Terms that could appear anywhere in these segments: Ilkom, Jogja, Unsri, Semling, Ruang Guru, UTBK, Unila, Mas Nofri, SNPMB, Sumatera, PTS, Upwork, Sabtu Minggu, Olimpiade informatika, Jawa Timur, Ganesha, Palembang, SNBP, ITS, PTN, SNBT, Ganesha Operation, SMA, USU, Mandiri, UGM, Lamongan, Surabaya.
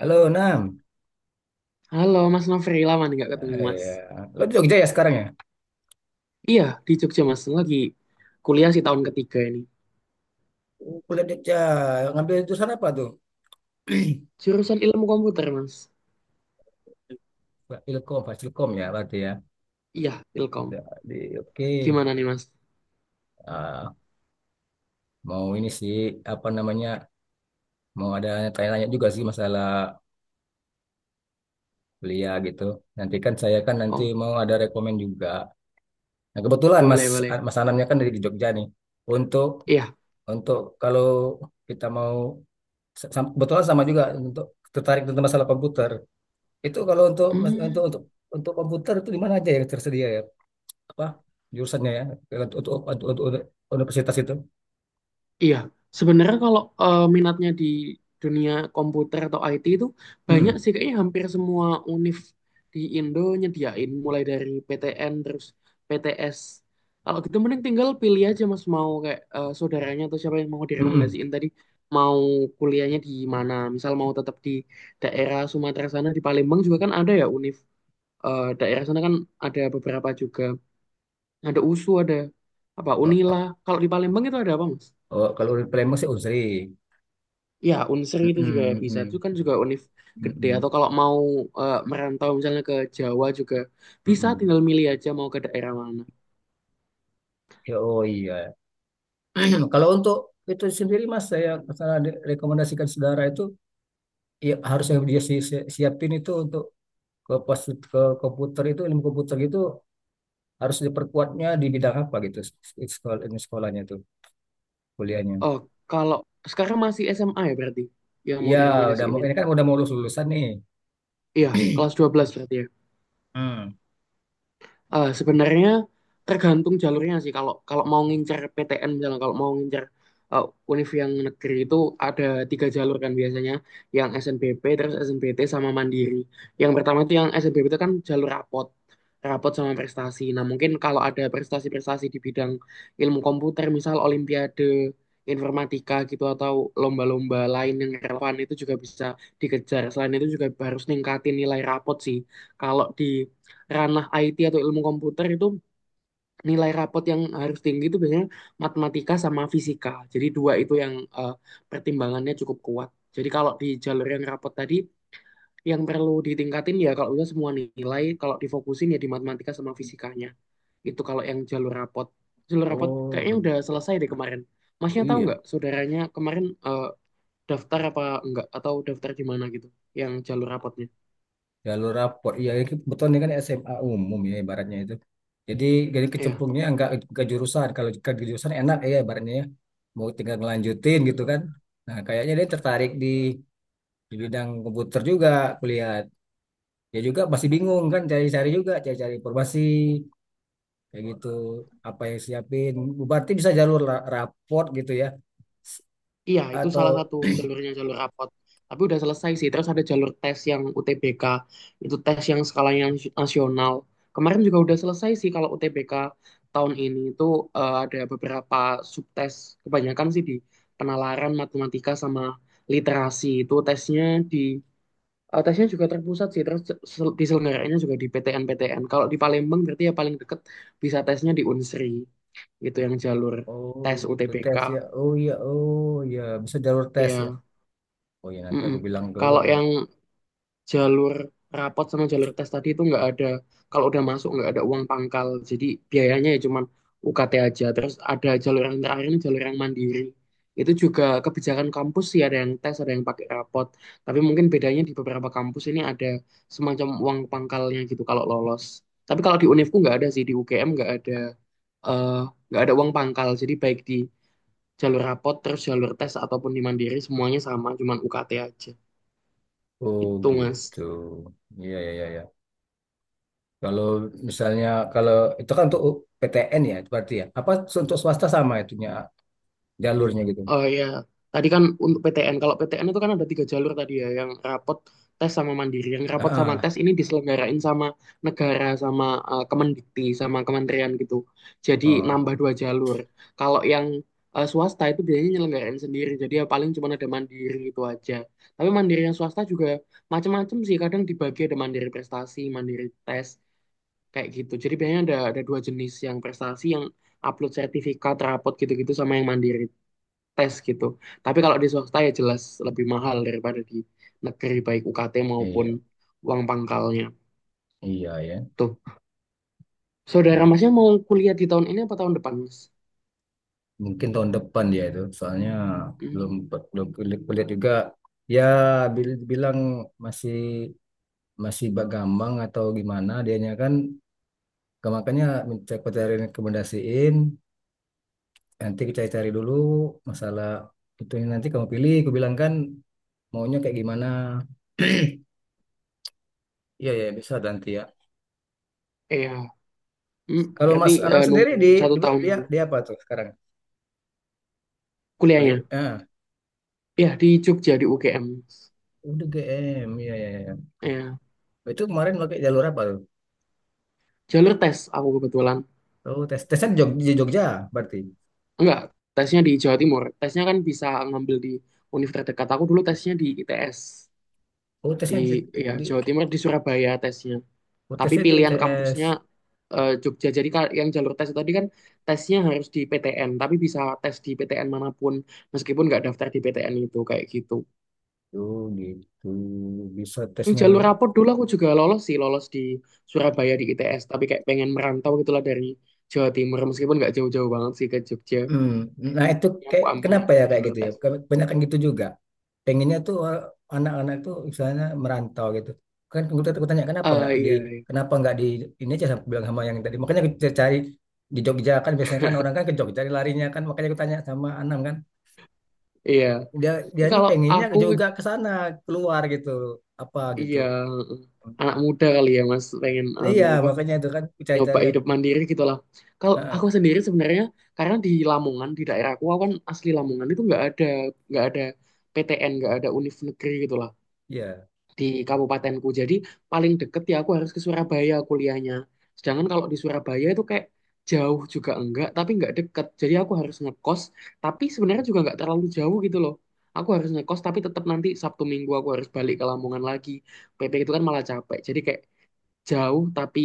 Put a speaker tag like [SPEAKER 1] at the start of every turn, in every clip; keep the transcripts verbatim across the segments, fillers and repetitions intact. [SPEAKER 1] Halo, Nam.
[SPEAKER 2] Halo Mas Nofri, lama nih gak ketemu
[SPEAKER 1] Eh,
[SPEAKER 2] Mas.
[SPEAKER 1] ya. Lo di Jogja ya sekarang ya?
[SPEAKER 2] Iya, di Jogja Mas, lagi kuliah sih tahun ketiga ini.
[SPEAKER 1] Oh, kuliah di Jogja. Ngambil jurusan apa tuh?
[SPEAKER 2] Jurusan ilmu komputer Mas.
[SPEAKER 1] Fasilkom, Fasilkom ya berarti ya.
[SPEAKER 2] Iya, Ilkom.
[SPEAKER 1] Ya, Di, oke.
[SPEAKER 2] Gimana nih Mas?
[SPEAKER 1] Ah, mau ini sih, apa namanya, mau ada tanya-tanya juga sih masalah kuliah gitu. Nanti kan saya kan nanti
[SPEAKER 2] Oh,
[SPEAKER 1] mau ada rekomen juga. Nah, kebetulan Mas
[SPEAKER 2] boleh,
[SPEAKER 1] ah,
[SPEAKER 2] boleh.
[SPEAKER 1] Mas Anamnya kan dari di Jogja nih. Untuk
[SPEAKER 2] Iya.
[SPEAKER 1] untuk kalau kita mau sa- sam- kebetulan sama juga untuk tertarik tentang masalah komputer. Itu kalau untuk untuk
[SPEAKER 2] Hmm.
[SPEAKER 1] untuk untuk komputer itu di mana aja yang tersedia ya? Apa jurusannya ya? Untuk untuk, untuk, untuk universitas itu.
[SPEAKER 2] Iya, sebenarnya kalau eh, minatnya di dunia komputer atau I T itu banyak
[SPEAKER 1] Hmm.
[SPEAKER 2] sih kayaknya hampir semua univ di Indo nyediain mulai dari P T N terus P T S. Kalau gitu mending tinggal pilih aja Mas mau kayak eh, saudaranya atau siapa yang mau
[SPEAKER 1] Hmm.
[SPEAKER 2] direkomendasiin tadi mau kuliahnya di mana. Misal mau tetap di daerah Sumatera sana di Palembang juga kan ada ya univ eh, daerah sana kan ada beberapa juga. Ada U S U, ada apa Unila. Kalau di Palembang itu ada apa Mas?
[SPEAKER 1] Oh, kalau di Palembang sih Unsri.
[SPEAKER 2] Ya, Unsri
[SPEAKER 1] Hmm.
[SPEAKER 2] itu juga bisa. Itu
[SPEAKER 1] Hmm.
[SPEAKER 2] kan juga univ gede.
[SPEAKER 1] Hmm.
[SPEAKER 2] Atau kalau mau eh, merantau misalnya ke Jawa juga bisa
[SPEAKER 1] Hmm.
[SPEAKER 2] tinggal milih aja mau ke daerah mana.
[SPEAKER 1] Ya, oh iya. Kalau untuk itu sendiri Mas, saya saya de- rekomendasikan saudara itu ya harus yang dia si- si- siapin itu untuk ke pas ke komputer itu ilmu komputer itu harus diperkuatnya di bidang apa gitu sekolah, sekolahnya itu kuliahnya.
[SPEAKER 2] Oh, kalau sekarang masih S M A ya berarti yang mau
[SPEAKER 1] Iya, udah
[SPEAKER 2] direkomendasiin
[SPEAKER 1] mau
[SPEAKER 2] ini.
[SPEAKER 1] ini kan udah mau lulus lulusan nih.
[SPEAKER 2] Iya, kelas dua belas berarti ya.
[SPEAKER 1] Hmm.
[SPEAKER 2] Eh, sebenarnya tergantung jalurnya sih. Kalau kalau mau ngincer P T N misalnya, kalau mau ngincer eh, univ yang negeri itu ada tiga jalur kan biasanya, yang S N B P, terus S N B T sama Mandiri. Yang pertama itu yang S N B P itu kan jalur rapot, rapot sama prestasi. Nah mungkin kalau ada prestasi-prestasi di bidang ilmu komputer, misal Olimpiade informatika gitu atau lomba-lomba lain yang relevan itu juga bisa dikejar. Selain itu juga harus ningkatin nilai rapot sih. Kalau di ranah I T atau ilmu komputer itu nilai rapot yang harus tinggi itu biasanya matematika sama fisika. Jadi dua itu yang eh, pertimbangannya cukup kuat. Jadi kalau di jalur yang rapot tadi yang perlu ditingkatin ya kalau udah semua nilai kalau difokusin ya di matematika sama fisikanya. Itu kalau yang jalur rapot. Jalur rapot
[SPEAKER 1] Oh,
[SPEAKER 2] kayaknya udah
[SPEAKER 1] beg-
[SPEAKER 2] selesai deh kemarin. Masnya tahu
[SPEAKER 1] iya.
[SPEAKER 2] nggak saudaranya kemarin eh, daftar apa enggak atau daftar di mana gitu yang jalur rapotnya?
[SPEAKER 1] Jalur rapor. Iya, ini kebetulan ini kan S M A umum ya ibaratnya itu. Jadi jadi
[SPEAKER 2] Iya.
[SPEAKER 1] kecemplungnya nggak ke jurusan. Kalau ke jurusan enak ya ibaratnya ya. Mau tinggal ngelanjutin gitu
[SPEAKER 2] Hmm.
[SPEAKER 1] kan. Nah, kayaknya dia tertarik di di bidang komputer juga kulihat. Dia juga masih bingung kan cari-cari juga, cari-cari informasi kayak gitu. Apa yang siapin? Berarti bisa jalur la- rapor gitu ya. S-
[SPEAKER 2] Iya, itu
[SPEAKER 1] Atau.
[SPEAKER 2] salah satu jalurnya jalur rapot. Tapi udah selesai sih. Terus ada jalur tes yang U T B K. Itu tes yang skalanya nas- nasional. Kemarin juga udah selesai sih kalau U T B K tahun ini itu eh, ada beberapa subtes. Kebanyakan sih di penalaran matematika sama literasi. Itu tesnya di eh, tesnya juga terpusat sih. Terus sel- diselenggarainnya juga di P T N-P T N. Kalau di Palembang berarti ya paling deket bisa tesnya di Unsri. Itu yang jalur
[SPEAKER 1] Oh,
[SPEAKER 2] tes
[SPEAKER 1] begitu
[SPEAKER 2] U T B K.
[SPEAKER 1] tes ya. Oh iya, oh iya, bisa jalur tes ya.
[SPEAKER 2] Ya.
[SPEAKER 1] Oh ya nanti
[SPEAKER 2] Mm-mm.
[SPEAKER 1] aku bilang dulu
[SPEAKER 2] Kalau
[SPEAKER 1] ke.
[SPEAKER 2] yang jalur rapot sama jalur tes tadi itu nggak ada, kalau udah masuk nggak ada uang pangkal, jadi biayanya ya cuman U K T aja. Terus ada jalur yang terakhir ini jalur yang mandiri. Itu juga kebijakan kampus sih ada yang tes, ada yang pakai rapot. Tapi mungkin bedanya di beberapa kampus ini ada semacam uang pangkalnya gitu kalau lolos. Tapi kalau di Univku nggak ada sih, di U G M nggak ada eh, nggak ada uang pangkal. Jadi baik di jalur rapot, terus jalur tes ataupun di mandiri semuanya sama, cuman U K T aja.
[SPEAKER 1] Oh
[SPEAKER 2] Itu
[SPEAKER 1] gitu.
[SPEAKER 2] Mas.
[SPEAKER 1] Iya, iya, iya, iya. Kalau misalnya kalau itu kan untuk P T N ya berarti ya. Apa untuk swasta sama itunya jalurnya gitu.
[SPEAKER 2] Oh ya, tadi kan untuk P T N, kalau P T N itu kan ada tiga jalur tadi ya, yang rapot, tes sama mandiri. Yang rapot sama
[SPEAKER 1] Ah,
[SPEAKER 2] tes ini diselenggarain sama negara, sama eh, Kemendikti, sama kementerian gitu. Jadi
[SPEAKER 1] oh,
[SPEAKER 2] nambah dua jalur. Kalau yang eh, swasta itu biasanya nyelenggarain sendiri, jadi ya paling cuma ada mandiri itu aja. Tapi mandiri yang swasta juga macam-macam sih, kadang dibagi ada mandiri prestasi, mandiri tes, kayak gitu. Jadi biasanya ada ada dua jenis, yang prestasi yang upload sertifikat, rapot gitu-gitu sama yang mandiri tes gitu. Tapi kalau di swasta ya jelas lebih mahal daripada di negeri baik U K T maupun
[SPEAKER 1] iya,
[SPEAKER 2] uang pangkalnya.
[SPEAKER 1] iya, ya.
[SPEAKER 2] Tuh, saudara
[SPEAKER 1] Hmm.
[SPEAKER 2] masnya mau kuliah di tahun ini apa tahun depan, Mas?
[SPEAKER 1] Mungkin tahun depan dia itu. Soalnya
[SPEAKER 2] Hmm,
[SPEAKER 1] belum belum kulihat juga. Ya bil- bilang masih masih Mbak Gambang atau gimana dianya kan. Ke- Makanya minta aku cari rekomendasiin, nanti kita cari dulu masalah itu ini nanti kamu pilih, aku bilang kan maunya kayak gimana. Iya ya bisa nanti ya.
[SPEAKER 2] iya. Hmm,
[SPEAKER 1] Kalau
[SPEAKER 2] berarti
[SPEAKER 1] Mas Anam
[SPEAKER 2] eh,
[SPEAKER 1] sendiri
[SPEAKER 2] nunggu
[SPEAKER 1] di,
[SPEAKER 2] satu
[SPEAKER 1] di
[SPEAKER 2] tahun
[SPEAKER 1] dia
[SPEAKER 2] dulu
[SPEAKER 1] dia apa tuh sekarang? Kulit
[SPEAKER 2] kuliahnya.
[SPEAKER 1] ah
[SPEAKER 2] Iya, di Jogja, di U G M.
[SPEAKER 1] udah G M iya ya ya.
[SPEAKER 2] Iya.
[SPEAKER 1] Itu kemarin pakai jalur apa tuh?
[SPEAKER 2] Jalur tes aku kebetulan.
[SPEAKER 1] Oh, tes tesnya di Jog- di Jogja, berarti.
[SPEAKER 2] Enggak, tesnya di Jawa Timur. Tesnya kan bisa ngambil di universitas terdekat. Aku dulu tesnya di I T S.
[SPEAKER 1] Oh,
[SPEAKER 2] Di
[SPEAKER 1] tesnya di,
[SPEAKER 2] Ya,
[SPEAKER 1] di
[SPEAKER 2] Jawa Timur, di Surabaya tesnya.
[SPEAKER 1] oh,
[SPEAKER 2] Tapi
[SPEAKER 1] tesnya di
[SPEAKER 2] pilihan
[SPEAKER 1] I T S.
[SPEAKER 2] kampusnya eh, Jogja. Jadi ka- yang jalur tes tadi kan tesnya harus di P T N, tapi bisa tes di P T N manapun meskipun nggak daftar di P T N itu kayak gitu.
[SPEAKER 1] Oh gitu bisa
[SPEAKER 2] Yang
[SPEAKER 1] tesnya.
[SPEAKER 2] jalur rapot dulu aku juga lolos sih, lolos di Surabaya di I T S, tapi kayak pengen merantau gitulah dari Jawa Timur meskipun nggak jauh-jauh banget sih ke Jogja.
[SPEAKER 1] Hmm, nah itu
[SPEAKER 2] Yang aku
[SPEAKER 1] kayak
[SPEAKER 2] ambil
[SPEAKER 1] kenapa
[SPEAKER 2] yang
[SPEAKER 1] ya kayak
[SPEAKER 2] jalur
[SPEAKER 1] gitu ya?
[SPEAKER 2] tes.
[SPEAKER 1] Kebanyakan gitu juga. Pengennya tuh eh, anak-anak tuh misalnya merantau gitu. Kan gue tanya tanya, kenapa
[SPEAKER 2] Eh
[SPEAKER 1] nggak di
[SPEAKER 2] iya, iya.
[SPEAKER 1] kenapa nggak di ini aja sama bilang sama yang tadi. Makanya kita cari di Jogja kan biasanya kan orang kan ke Jogja larinya kan makanya gue tanya sama Anam kan
[SPEAKER 2] Iya.
[SPEAKER 1] dia dia ini
[SPEAKER 2] Kalau
[SPEAKER 1] pengennya
[SPEAKER 2] aku
[SPEAKER 1] juga ke sana keluar gitu apa gitu.
[SPEAKER 2] iya anak muda kali ya Mas pengen
[SPEAKER 1] Nah,
[SPEAKER 2] anu
[SPEAKER 1] iya
[SPEAKER 2] apa
[SPEAKER 1] makanya itu kan
[SPEAKER 2] nyoba
[SPEAKER 1] cari-cari yang
[SPEAKER 2] hidup mandiri gitu lah. Kalau
[SPEAKER 1] ah,
[SPEAKER 2] aku
[SPEAKER 1] ah,
[SPEAKER 2] sendiri sebenarnya karena di Lamongan di daerah aku aku kan asli Lamongan itu nggak ada nggak ada P T N nggak ada univ negeri gitu lah
[SPEAKER 1] iya.
[SPEAKER 2] di kabupatenku. Jadi paling deket ya aku harus ke Surabaya kuliahnya. Sedangkan kalau di Surabaya itu kayak jauh juga enggak tapi nggak deket. Jadi aku harus ngekos tapi sebenarnya juga nggak terlalu jauh gitu loh. Aku harus ngekos tapi tetap nanti Sabtu Minggu aku harus balik ke Lamongan lagi. P P itu kan malah capek. Jadi kayak jauh tapi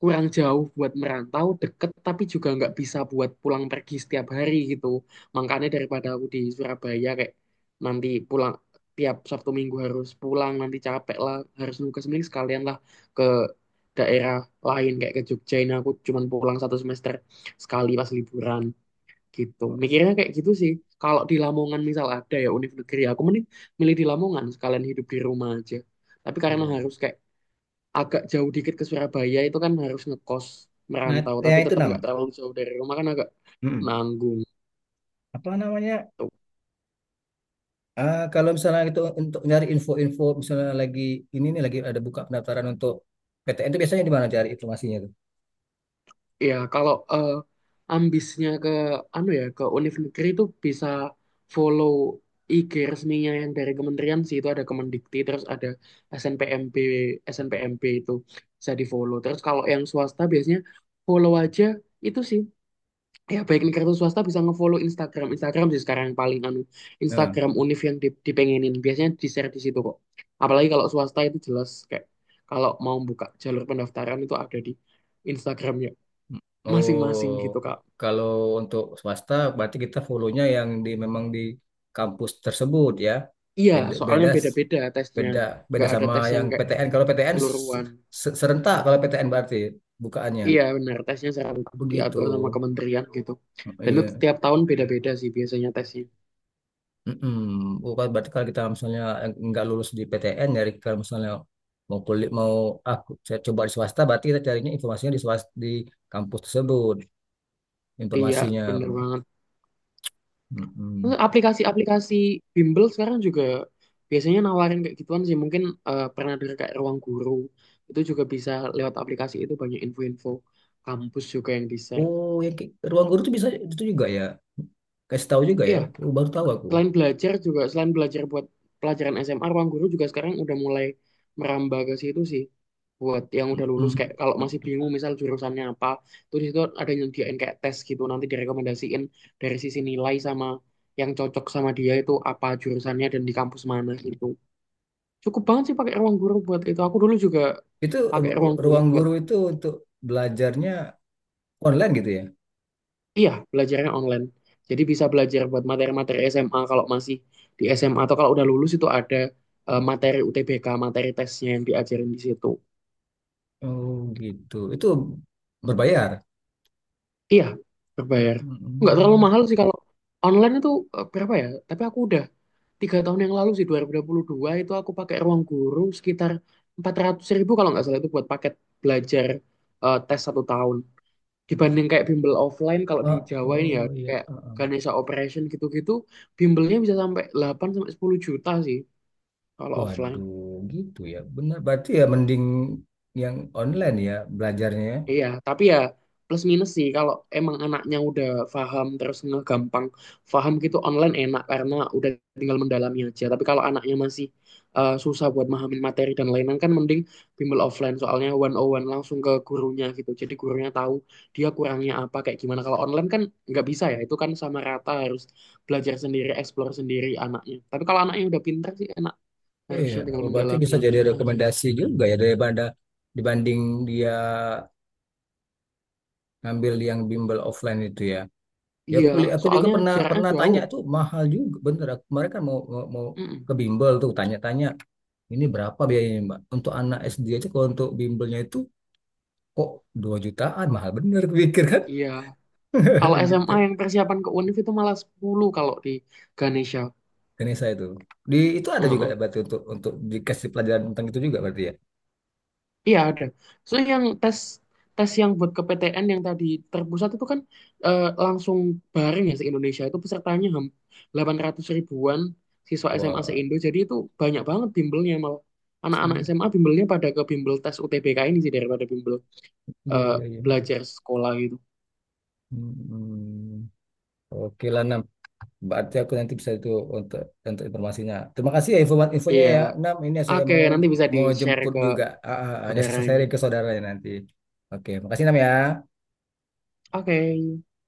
[SPEAKER 2] kurang jauh buat merantau, deket tapi juga nggak bisa buat pulang pergi setiap hari gitu. Makanya daripada aku di Surabaya kayak nanti pulang tiap Sabtu Minggu harus pulang, nanti capek lah, harus nunggu ke Semling, sekalian lah ke daerah lain kayak ke Jogja ini aku cuman pulang satu semester sekali pas liburan gitu. Mikirnya kayak gitu sih. Kalau di Lamongan misal ada ya univ negeri, aku mending milih di Lamongan sekalian hidup di rumah aja. Tapi karena
[SPEAKER 1] Iya.
[SPEAKER 2] harus kayak agak jauh dikit ke Surabaya itu kan harus ngekos
[SPEAKER 1] Nah,
[SPEAKER 2] merantau tapi
[SPEAKER 1] yang itu
[SPEAKER 2] tetap
[SPEAKER 1] nam.
[SPEAKER 2] nggak terlalu jauh dari rumah kan agak
[SPEAKER 1] enam.
[SPEAKER 2] nanggung
[SPEAKER 1] Apa namanya?
[SPEAKER 2] tuh.
[SPEAKER 1] Ah, kalau misalnya itu untuk nyari info-info misalnya lagi ini nih lagi ada buka pendaftaran untuk P T N itu biasanya di mana cari informasinya tuh?
[SPEAKER 2] Ya kalau eh, ambisnya ke anu ya ke univ negeri itu bisa follow I G resminya yang dari kementerian sih. Itu ada Kemendikti terus ada S N P M B S N P M B itu bisa di follow. Terus kalau yang swasta biasanya follow aja itu sih. Ya baik nih kartu swasta bisa ngefollow Instagram Instagram sih sekarang yang paling anu.
[SPEAKER 1] Nah.
[SPEAKER 2] Instagram Univ yang di- dipengenin biasanya di share di situ kok, apalagi kalau swasta itu jelas kayak kalau mau buka jalur pendaftaran itu ada di Instagramnya masing-masing
[SPEAKER 1] Oh,
[SPEAKER 2] gitu Kak.
[SPEAKER 1] kalau untuk swasta berarti kita follow-nya yang di memang di kampus tersebut ya.
[SPEAKER 2] Iya
[SPEAKER 1] Beda,
[SPEAKER 2] soalnya
[SPEAKER 1] beda,
[SPEAKER 2] beda-beda tesnya,
[SPEAKER 1] beda, beda
[SPEAKER 2] nggak ada
[SPEAKER 1] sama
[SPEAKER 2] tes yang
[SPEAKER 1] yang
[SPEAKER 2] kayak
[SPEAKER 1] P T N. Kalau P T N
[SPEAKER 2] seluruhan.
[SPEAKER 1] se- serentak kalau P T N berarti bukaannya.
[SPEAKER 2] Iya benar tesnya serentak
[SPEAKER 1] Begitu.
[SPEAKER 2] diatur sama kementerian gitu, dan itu
[SPEAKER 1] Iya.
[SPEAKER 2] tiap tahun beda-beda sih biasanya tesnya.
[SPEAKER 1] Mm-mm. Oh, kan berarti kalau kita misalnya nggak lulus di P T N, dari kalau misalnya mau kulit mau aku coba di swasta, berarti kita carinya informasinya di swasta, di kampus tersebut,
[SPEAKER 2] Iya
[SPEAKER 1] informasinya.
[SPEAKER 2] bener banget. Terus
[SPEAKER 1] Mm-mm.
[SPEAKER 2] aplikasi-aplikasi bimbel sekarang juga biasanya nawarin kayak gituan sih. Mungkin eh, pernah dengar kayak Ruang Guru. Itu juga bisa lewat aplikasi itu banyak info-info kampus juga yang di-share.
[SPEAKER 1] Oh, yang kayak ruang guru itu bisa itu juga ya? Kasih tahu juga ya?
[SPEAKER 2] Iya,
[SPEAKER 1] Oh, baru tahu aku.
[SPEAKER 2] selain belajar juga, selain belajar buat pelajaran S M A, Ruang Guru juga sekarang udah mulai merambah ke situ sih. Buat yang udah lulus kayak
[SPEAKER 1] Mm-mm.
[SPEAKER 2] kalau masih bingung misal jurusannya apa, tuh di situ ada yang nyediain kayak tes gitu. Nanti direkomendasiin dari sisi nilai sama yang cocok sama dia itu apa jurusannya dan di kampus mana gitu. Cukup banget sih pakai ruang guru buat itu. Aku dulu juga
[SPEAKER 1] Itu eh,
[SPEAKER 2] pakai ruang guru
[SPEAKER 1] ruang
[SPEAKER 2] buat,
[SPEAKER 1] guru itu untuk belajarnya online gitu ya?
[SPEAKER 2] iya, belajarnya online. Jadi bisa belajar buat materi-materi S M A kalau masih di S M A atau kalau udah lulus itu ada eh, materi U T B K, materi tesnya yang diajarin di situ.
[SPEAKER 1] Oh, gitu. Itu berbayar.
[SPEAKER 2] Iya, berbayar. Nggak terlalu
[SPEAKER 1] Mm.
[SPEAKER 2] mahal sih kalau online itu eh, berapa ya? Tapi aku udah tiga tahun yang lalu sih dua dua ribu dua puluh dua itu aku pakai ruang guru sekitar empat ratus ribu kalau nggak salah itu buat paket belajar eh, tes satu tahun. Dibanding kayak bimbel offline kalau di
[SPEAKER 1] Oh,
[SPEAKER 2] Jawa ini ya
[SPEAKER 1] oh iya.
[SPEAKER 2] kayak Ganesha Operation gitu-gitu bimbelnya bisa sampai delapan sampai sepuluh juta sih kalau offline.
[SPEAKER 1] Waduh, gitu ya. Benar, berarti ya mending yang online ya belajarnya, ya.
[SPEAKER 2] Iya, tapi ya plus minus sih kalau emang anaknya udah paham terus ngegampang paham gitu online enak karena udah tinggal mendalami aja. Tapi kalau anaknya masih eh, susah buat memahami materi dan lain-lain kan mending bimbel offline soalnya one on one langsung ke gurunya gitu. Jadi gurunya tahu dia kurangnya apa kayak gimana. Kalau online kan nggak bisa ya, itu kan sama rata harus belajar sendiri, explore sendiri anaknya. Tapi kalau anaknya udah pintar sih enak,
[SPEAKER 1] Iya,
[SPEAKER 2] harusnya tinggal
[SPEAKER 1] oh, berarti
[SPEAKER 2] mendalami
[SPEAKER 1] bisa jadi
[SPEAKER 2] aja. aja.
[SPEAKER 1] rekomendasi juga ya daripada dibanding dia ngambil yang bimbel offline itu ya. Ya
[SPEAKER 2] Iya,
[SPEAKER 1] kuliah aku juga
[SPEAKER 2] soalnya
[SPEAKER 1] pernah
[SPEAKER 2] jaraknya
[SPEAKER 1] pernah
[SPEAKER 2] jauh.
[SPEAKER 1] tanya tuh mahal juga bener. Aku- Mereka mau mau, mau
[SPEAKER 2] Mm-mm.
[SPEAKER 1] ke bimbel tuh tanya-tanya ini berapa biayanya Mbak? Untuk anak S D aja kalau untuk bimbelnya itu kok dua jutaan mahal bener aku pikir kan
[SPEAKER 2] Iya. Kalau
[SPEAKER 1] gitu.
[SPEAKER 2] S M A yang persiapan ke U N I F itu malah sepuluh kalau di Ganesha.
[SPEAKER 1] Ganesha itu. Di itu ada juga ya
[SPEAKER 2] Heeh.
[SPEAKER 1] berarti untuk untuk dikasih pelajaran tentang itu juga berarti ya.
[SPEAKER 2] Iya ada. So yang tes tes yang buat ke P T N yang tadi terpusat itu kan eh, langsung bareng ya se-Indonesia itu pesertanya ham- delapan ratus ribuan siswa S M A
[SPEAKER 1] Wah,
[SPEAKER 2] se-Indo. Jadi itu banyak banget bimbelnya malah. Anak-anak
[SPEAKER 1] iya,
[SPEAKER 2] S M A bimbelnya pada ke bimbel tes U T B K ini sih daripada bimbel
[SPEAKER 1] iya,
[SPEAKER 2] eh,
[SPEAKER 1] iya, iya.
[SPEAKER 2] belajar sekolah gitu.
[SPEAKER 1] Hmm. Hmm. Oke lah Nam. Berarti aku nanti bisa itu untuk untuk informasinya. Terima kasih ya informat infonya
[SPEAKER 2] Iya.
[SPEAKER 1] ya Nam. Ini ya saya
[SPEAKER 2] Oke,
[SPEAKER 1] mau
[SPEAKER 2] nanti bisa
[SPEAKER 1] mau
[SPEAKER 2] di-share
[SPEAKER 1] jemput
[SPEAKER 2] ke
[SPEAKER 1] juga. Ah, ah, ah. Hanya sisa saya
[SPEAKER 2] saudaranya.
[SPEAKER 1] sharing ke saudaranya nanti. Oke, makasih Nam ya.
[SPEAKER 2] Oke.